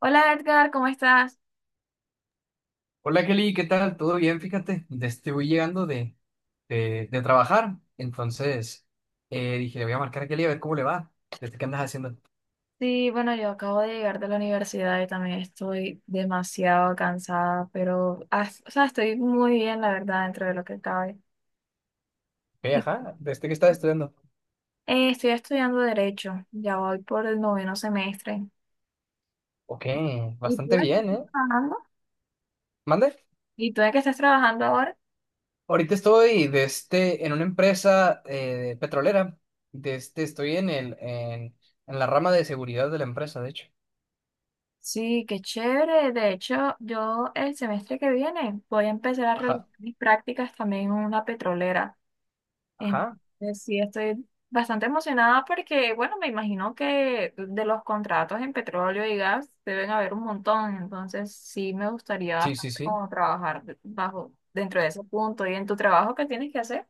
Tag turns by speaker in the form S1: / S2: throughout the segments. S1: Hola Edgar, ¿cómo estás?
S2: Hola Kelly, ¿qué tal? ¿Todo bien? Fíjate, voy llegando de trabajar, entonces dije, le voy a marcar a Kelly a ver cómo le va, desde qué andas haciendo.
S1: Sí, bueno, yo acabo de llegar de la universidad y también estoy demasiado cansada, pero o sea, estoy muy bien, la verdad, dentro de lo que cabe.
S2: Ok, ajá, desde que estás estudiando.
S1: Estoy estudiando Derecho, ya voy por el noveno semestre.
S2: Ok,
S1: ¿Y
S2: bastante
S1: tú en qué
S2: bien,
S1: estás
S2: ¿eh?
S1: trabajando?
S2: Mande.
S1: ¿Y tú en qué estás trabajando ahora?
S2: Ahorita estoy en una empresa petrolera, estoy en la rama de seguridad de la empresa, de hecho.
S1: Sí, qué chévere. De hecho, yo el semestre que viene voy a empezar a realizar
S2: Ajá,
S1: mis prácticas también en una petrolera.
S2: ajá,
S1: Entonces, sí, estoy bastante emocionada porque, bueno, me imagino que de los contratos en petróleo y gas deben haber un montón, entonces sí me gustaría
S2: sí, sí,
S1: bastante
S2: sí.
S1: como trabajar bajo, dentro de ese punto y en tu trabajo, ¿qué tienes que hacer?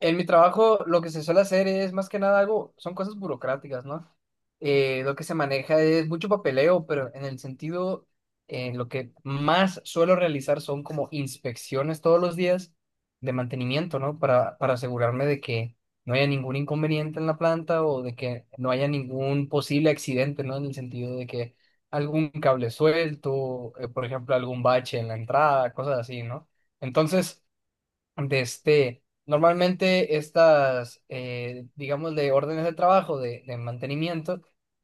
S2: En mi trabajo lo que se suele hacer es más que nada algo, son cosas burocráticas, ¿no? Lo que se maneja es mucho papeleo, pero en el sentido, lo que más suelo realizar son como inspecciones todos los días de mantenimiento, ¿no? Para asegurarme de que no haya ningún inconveniente en la planta o de que no haya ningún posible accidente, ¿no? En el sentido de que algún cable suelto, por ejemplo, algún bache en la entrada, cosas así, ¿no? Entonces normalmente estas, digamos, de órdenes de trabajo, de mantenimiento,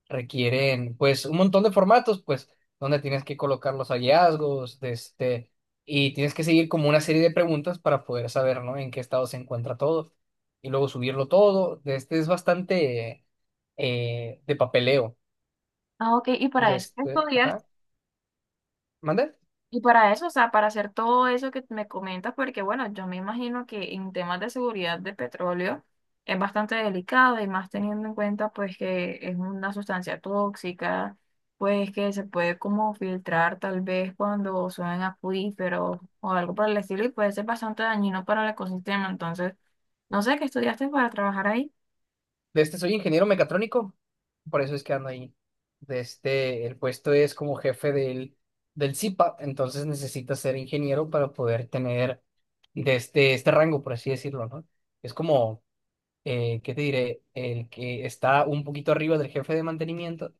S2: requieren, pues, un montón de formatos, pues, donde tienes que colocar los hallazgos, y tienes que seguir como una serie de preguntas para poder saber, ¿no? En qué estado se encuentra todo, y luego subirlo todo. De este es bastante de papeleo.
S1: Ah, ok, y para eso estudiaste.
S2: Ajá. ¿Mande?
S1: Y para eso, o sea, para hacer todo eso que me comentas, porque bueno, yo me imagino que en temas de seguridad de petróleo es bastante delicado y más teniendo en cuenta pues que es una sustancia tóxica, pues que se puede como filtrar tal vez cuando suben acuíferos o algo por el estilo y puede ser bastante dañino para el ecosistema. Entonces, no sé qué estudiaste para trabajar ahí.
S2: De este soy ingeniero mecatrónico, por eso es que ando ahí. El puesto es como jefe del CIPA, entonces necesitas ser ingeniero para poder tener este rango, por así decirlo, ¿no? Es como, ¿qué te diré? El que está un poquito arriba del jefe de mantenimiento,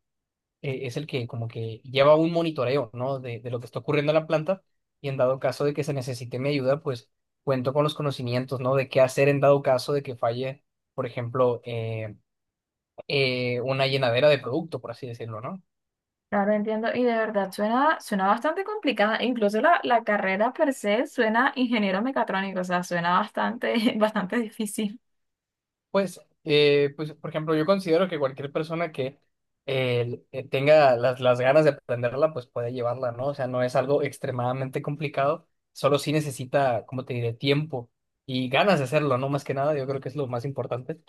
S2: es el que como que lleva un monitoreo, ¿no? De lo que está ocurriendo en la planta y en dado caso de que se necesite mi ayuda, pues cuento con los conocimientos, ¿no? De qué hacer en dado caso de que falle, por ejemplo, una llenadera de producto, por así decirlo, ¿no?
S1: Claro, entiendo. Y de verdad suena, suena bastante complicada. Incluso la carrera per se suena ingeniero mecatrónico, o sea, suena bastante, bastante difícil.
S2: Pues, pues, por ejemplo, yo considero que cualquier persona que tenga las ganas de aprenderla, pues puede llevarla, ¿no? O sea, no es algo extremadamente complicado, solo sí necesita, como te diré, tiempo y ganas de hacerlo, ¿no? Más que nada, yo creo que es lo más importante.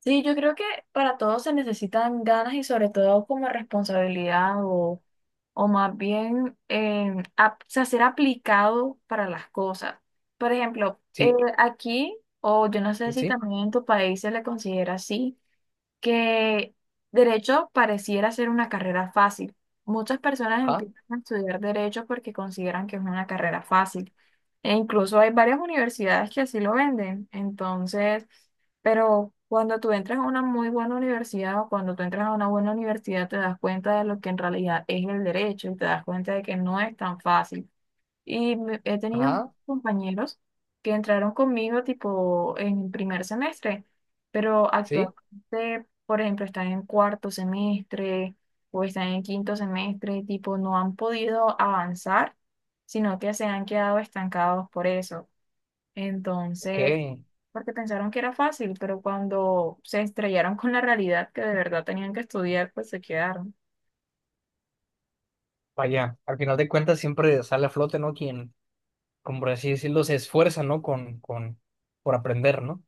S1: Sí, yo creo que para todos se necesitan ganas y sobre todo como responsabilidad o más bien o sea, ser aplicado para las cosas. Por ejemplo,
S2: Sí,
S1: aquí, o yo no sé si
S2: sí,
S1: también en tu país se le considera así. Que derecho pareciera ser una carrera fácil. Muchas personas
S2: ajá,
S1: empiezan a estudiar derecho porque consideran que es una carrera fácil. E incluso hay varias universidades que así lo venden. Entonces, pero cuando tú entras a una muy buena universidad o cuando tú entras a una buena universidad te das cuenta de lo que en realidad es el derecho y te das cuenta de que no es tan fácil. Y he tenido
S2: ajá,
S1: compañeros que entraron conmigo tipo en primer semestre, pero
S2: sí,
S1: actualmente, por ejemplo, están en cuarto semestre o están en quinto semestre, tipo no han podido avanzar, sino que se han quedado estancados por eso.
S2: ok,
S1: Entonces, porque pensaron que era fácil, pero cuando se estrellaron con la realidad que de verdad tenían que estudiar, pues se quedaron.
S2: vaya, al final de cuentas siempre sale a flote, ¿no? Quien, como por así decirlo, se esfuerza, ¿no? Por aprender, ¿no?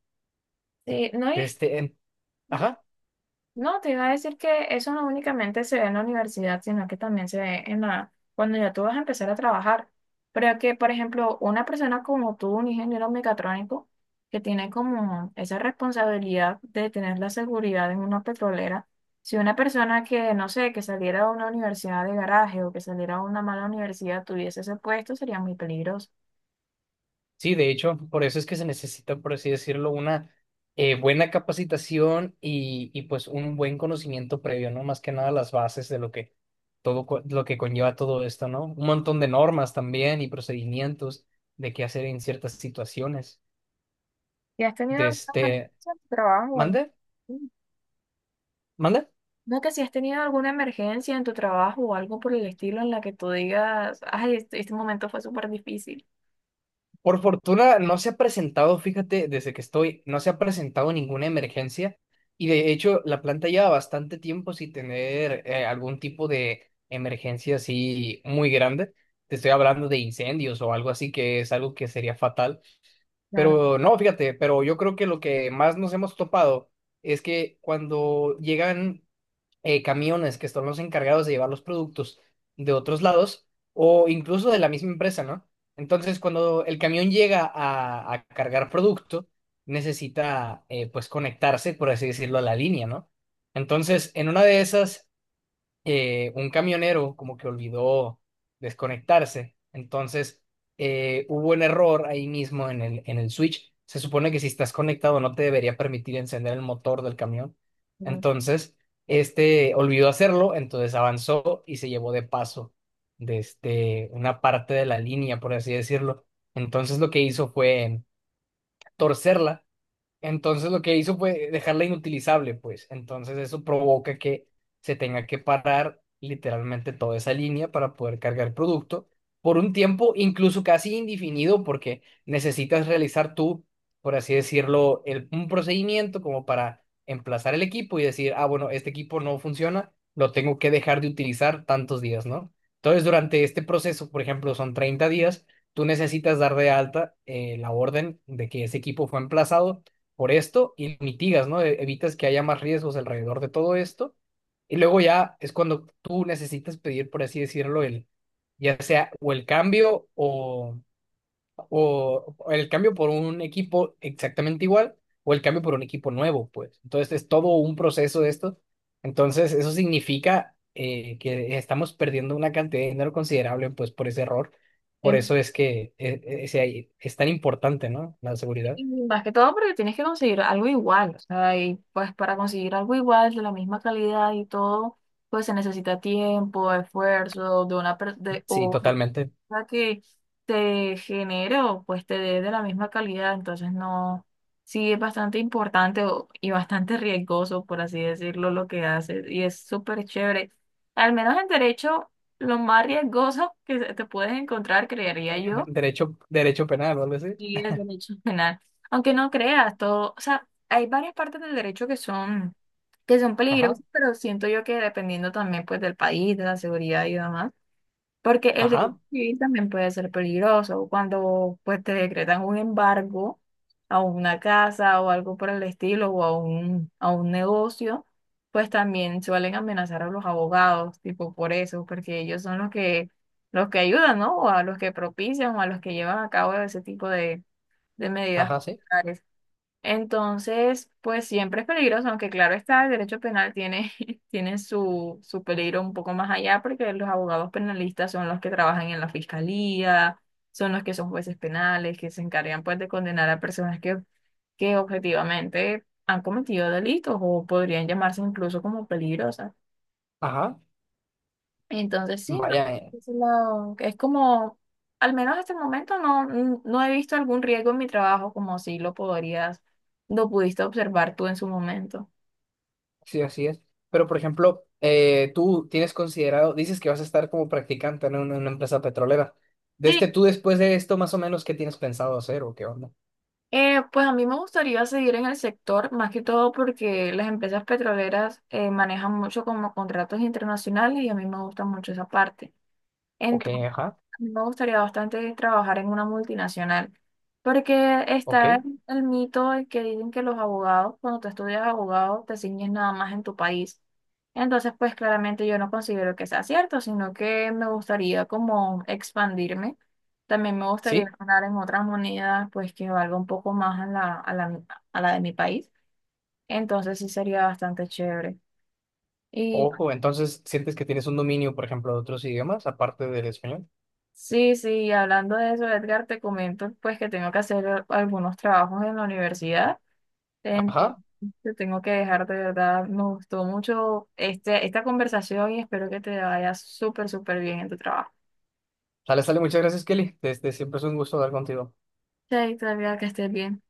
S1: Sí, no
S2: de
S1: es.
S2: este, en- ajá,
S1: No, te iba a decir que eso no únicamente se ve en la universidad, sino que también se ve en la, cuando ya tú vas a empezar a trabajar. Pero que, por ejemplo, una persona como tú, un ingeniero mecatrónico, que tiene como esa responsabilidad de tener la seguridad en una petrolera, si una persona que, no sé, que saliera de una universidad de garaje o que saliera de una mala universidad tuviese ese puesto, sería muy peligroso.
S2: sí, de hecho, por eso es que se necesita, por así decirlo, una buena capacitación y pues un buen conocimiento previo, ¿no? Más que nada las bases de lo que lo que conlleva todo esto, ¿no? Un montón de normas también y procedimientos de qué hacer en ciertas situaciones.
S1: ¿Y has tenido
S2: De
S1: alguna
S2: este,
S1: emergencia en tu trabajo o algo?
S2: ¿Mande? ¿Mande?
S1: No, que si has tenido alguna emergencia en tu trabajo o algo por el estilo en la que tú digas, ay, este momento fue súper difícil.
S2: Por fortuna no se ha presentado, fíjate, desde que estoy, no se ha presentado ninguna emergencia y de hecho la planta lleva bastante tiempo sin tener algún tipo de emergencia así muy grande. Te estoy hablando de incendios o algo así que es algo que sería fatal.
S1: Claro.
S2: Pero no, fíjate, pero yo creo que lo que más nos hemos topado es que cuando llegan camiones que son los encargados de llevar los productos de otros lados o incluso de la misma empresa, ¿no? Entonces, cuando el camión llega a cargar producto, necesita, pues, conectarse, por así decirlo, a la línea, ¿no? Entonces, en una de esas un camionero como que olvidó desconectarse. Entonces, hubo un error ahí mismo en el switch. Se supone que si estás conectado no te debería permitir encender el motor del camión.
S1: Claro.
S2: Entonces, este olvidó hacerlo, entonces avanzó y se llevó de paso desde una parte de la línea, por así decirlo. Entonces, lo que hizo fue torcerla, entonces lo que hizo fue dejarla inutilizable, pues. Entonces eso provoca que se tenga que parar literalmente toda esa línea para poder cargar producto por un tiempo incluso casi indefinido porque necesitas realizar tú, por así decirlo, un procedimiento como para emplazar el equipo y decir, ah, bueno, este equipo no funciona, lo tengo que dejar de utilizar tantos días, ¿no? Entonces durante este proceso, por ejemplo, son 30 días, tú necesitas dar de alta la orden de que ese equipo fue emplazado por esto y mitigas, ¿no? Evitas que haya más riesgos alrededor de todo esto. Y luego ya es cuando tú necesitas pedir, por así decirlo, el, ya sea o el cambio o el cambio por un equipo exactamente igual o el cambio por un equipo nuevo, pues. Entonces es todo un proceso de esto. Entonces eso significa que estamos perdiendo una cantidad de dinero considerable, pues, por ese error. Por
S1: Em,
S2: eso es que es tan importante, ¿no? La seguridad.
S1: y más que todo porque tienes que conseguir algo igual, o sea, y pues para conseguir algo igual, de la misma calidad y todo, pues se necesita tiempo, esfuerzo de una persona
S2: Sí, totalmente.
S1: sea que te genero, pues te dé de la misma calidad, entonces no, sí es bastante importante y bastante riesgoso, por así decirlo, lo que haces y es súper chévere. Al menos en derecho, lo más riesgoso que te puedes encontrar, creería yo,
S2: Derecho, derecho penal o algo así.
S1: y el derecho penal. Aunque no creas todo, o sea, hay varias partes del derecho que son
S2: Ajá,
S1: peligrosas, pero siento yo que dependiendo también pues del país, de la seguridad y demás. Porque el derecho
S2: ajá,
S1: civil también puede ser peligroso cuando pues te decretan un embargo a una casa o algo por el estilo o a un negocio, pues también suelen amenazar a los abogados, tipo por eso, porque ellos son los que ayudan, ¿no? O a los que propician o a los que llevan a cabo ese tipo de medidas.
S2: ajá, sí.
S1: Entonces, pues siempre es peligroso, aunque claro está, el derecho penal tiene, tiene su, su peligro un poco más allá, porque los abogados penalistas son los que trabajan en la fiscalía, son los que son jueces penales, que se encargan pues de condenar a personas que objetivamente han cometido delitos o podrían llamarse incluso como peligrosas.
S2: Ajá,
S1: Entonces, sí, no,
S2: vaya,
S1: es como, al menos hasta el momento no, no he visto algún riesgo en mi trabajo como si lo podrías, lo pudiste observar tú en su momento.
S2: sí, así es. Pero, por ejemplo, tú tienes considerado, dices que vas a estar como practicante, ¿no? En una empresa petrolera.
S1: Sí,
S2: Tú después de esto, más o menos, ¿qué tienes pensado hacer o qué onda?
S1: pues a mí me gustaría seguir en el sector, más que todo porque las empresas petroleras manejan mucho como contratos internacionales y a mí me gusta mucho esa parte.
S2: Ok, ajá,
S1: Me gustaría bastante trabajar en una multinacional, porque
S2: ok,
S1: está el mito de que dicen que los abogados, cuando tú estudias abogado, te ciñes nada más en tu país. Entonces, pues claramente yo no considero que sea cierto, sino que me gustaría como expandirme. También me gustaría
S2: sí.
S1: ganar en otras monedas, pues que valga un poco más a la, a la, a la de mi país. Entonces, sí sería bastante chévere. Y
S2: Ojo, entonces, ¿sientes que tienes un dominio, por ejemplo, de otros idiomas, aparte del español?
S1: sí, sí, y hablando de eso, Edgar, te comento pues que tengo que hacer algunos trabajos en la universidad. Entonces,
S2: Ajá,
S1: te tengo que dejar de verdad. Me gustó mucho este, esta conversación y espero que te vaya súper, súper bien en tu trabajo.
S2: sale, sale, muchas gracias, Kelly. Este, siempre es un gusto hablar contigo.
S1: Chaito, Edgar, que estés bien.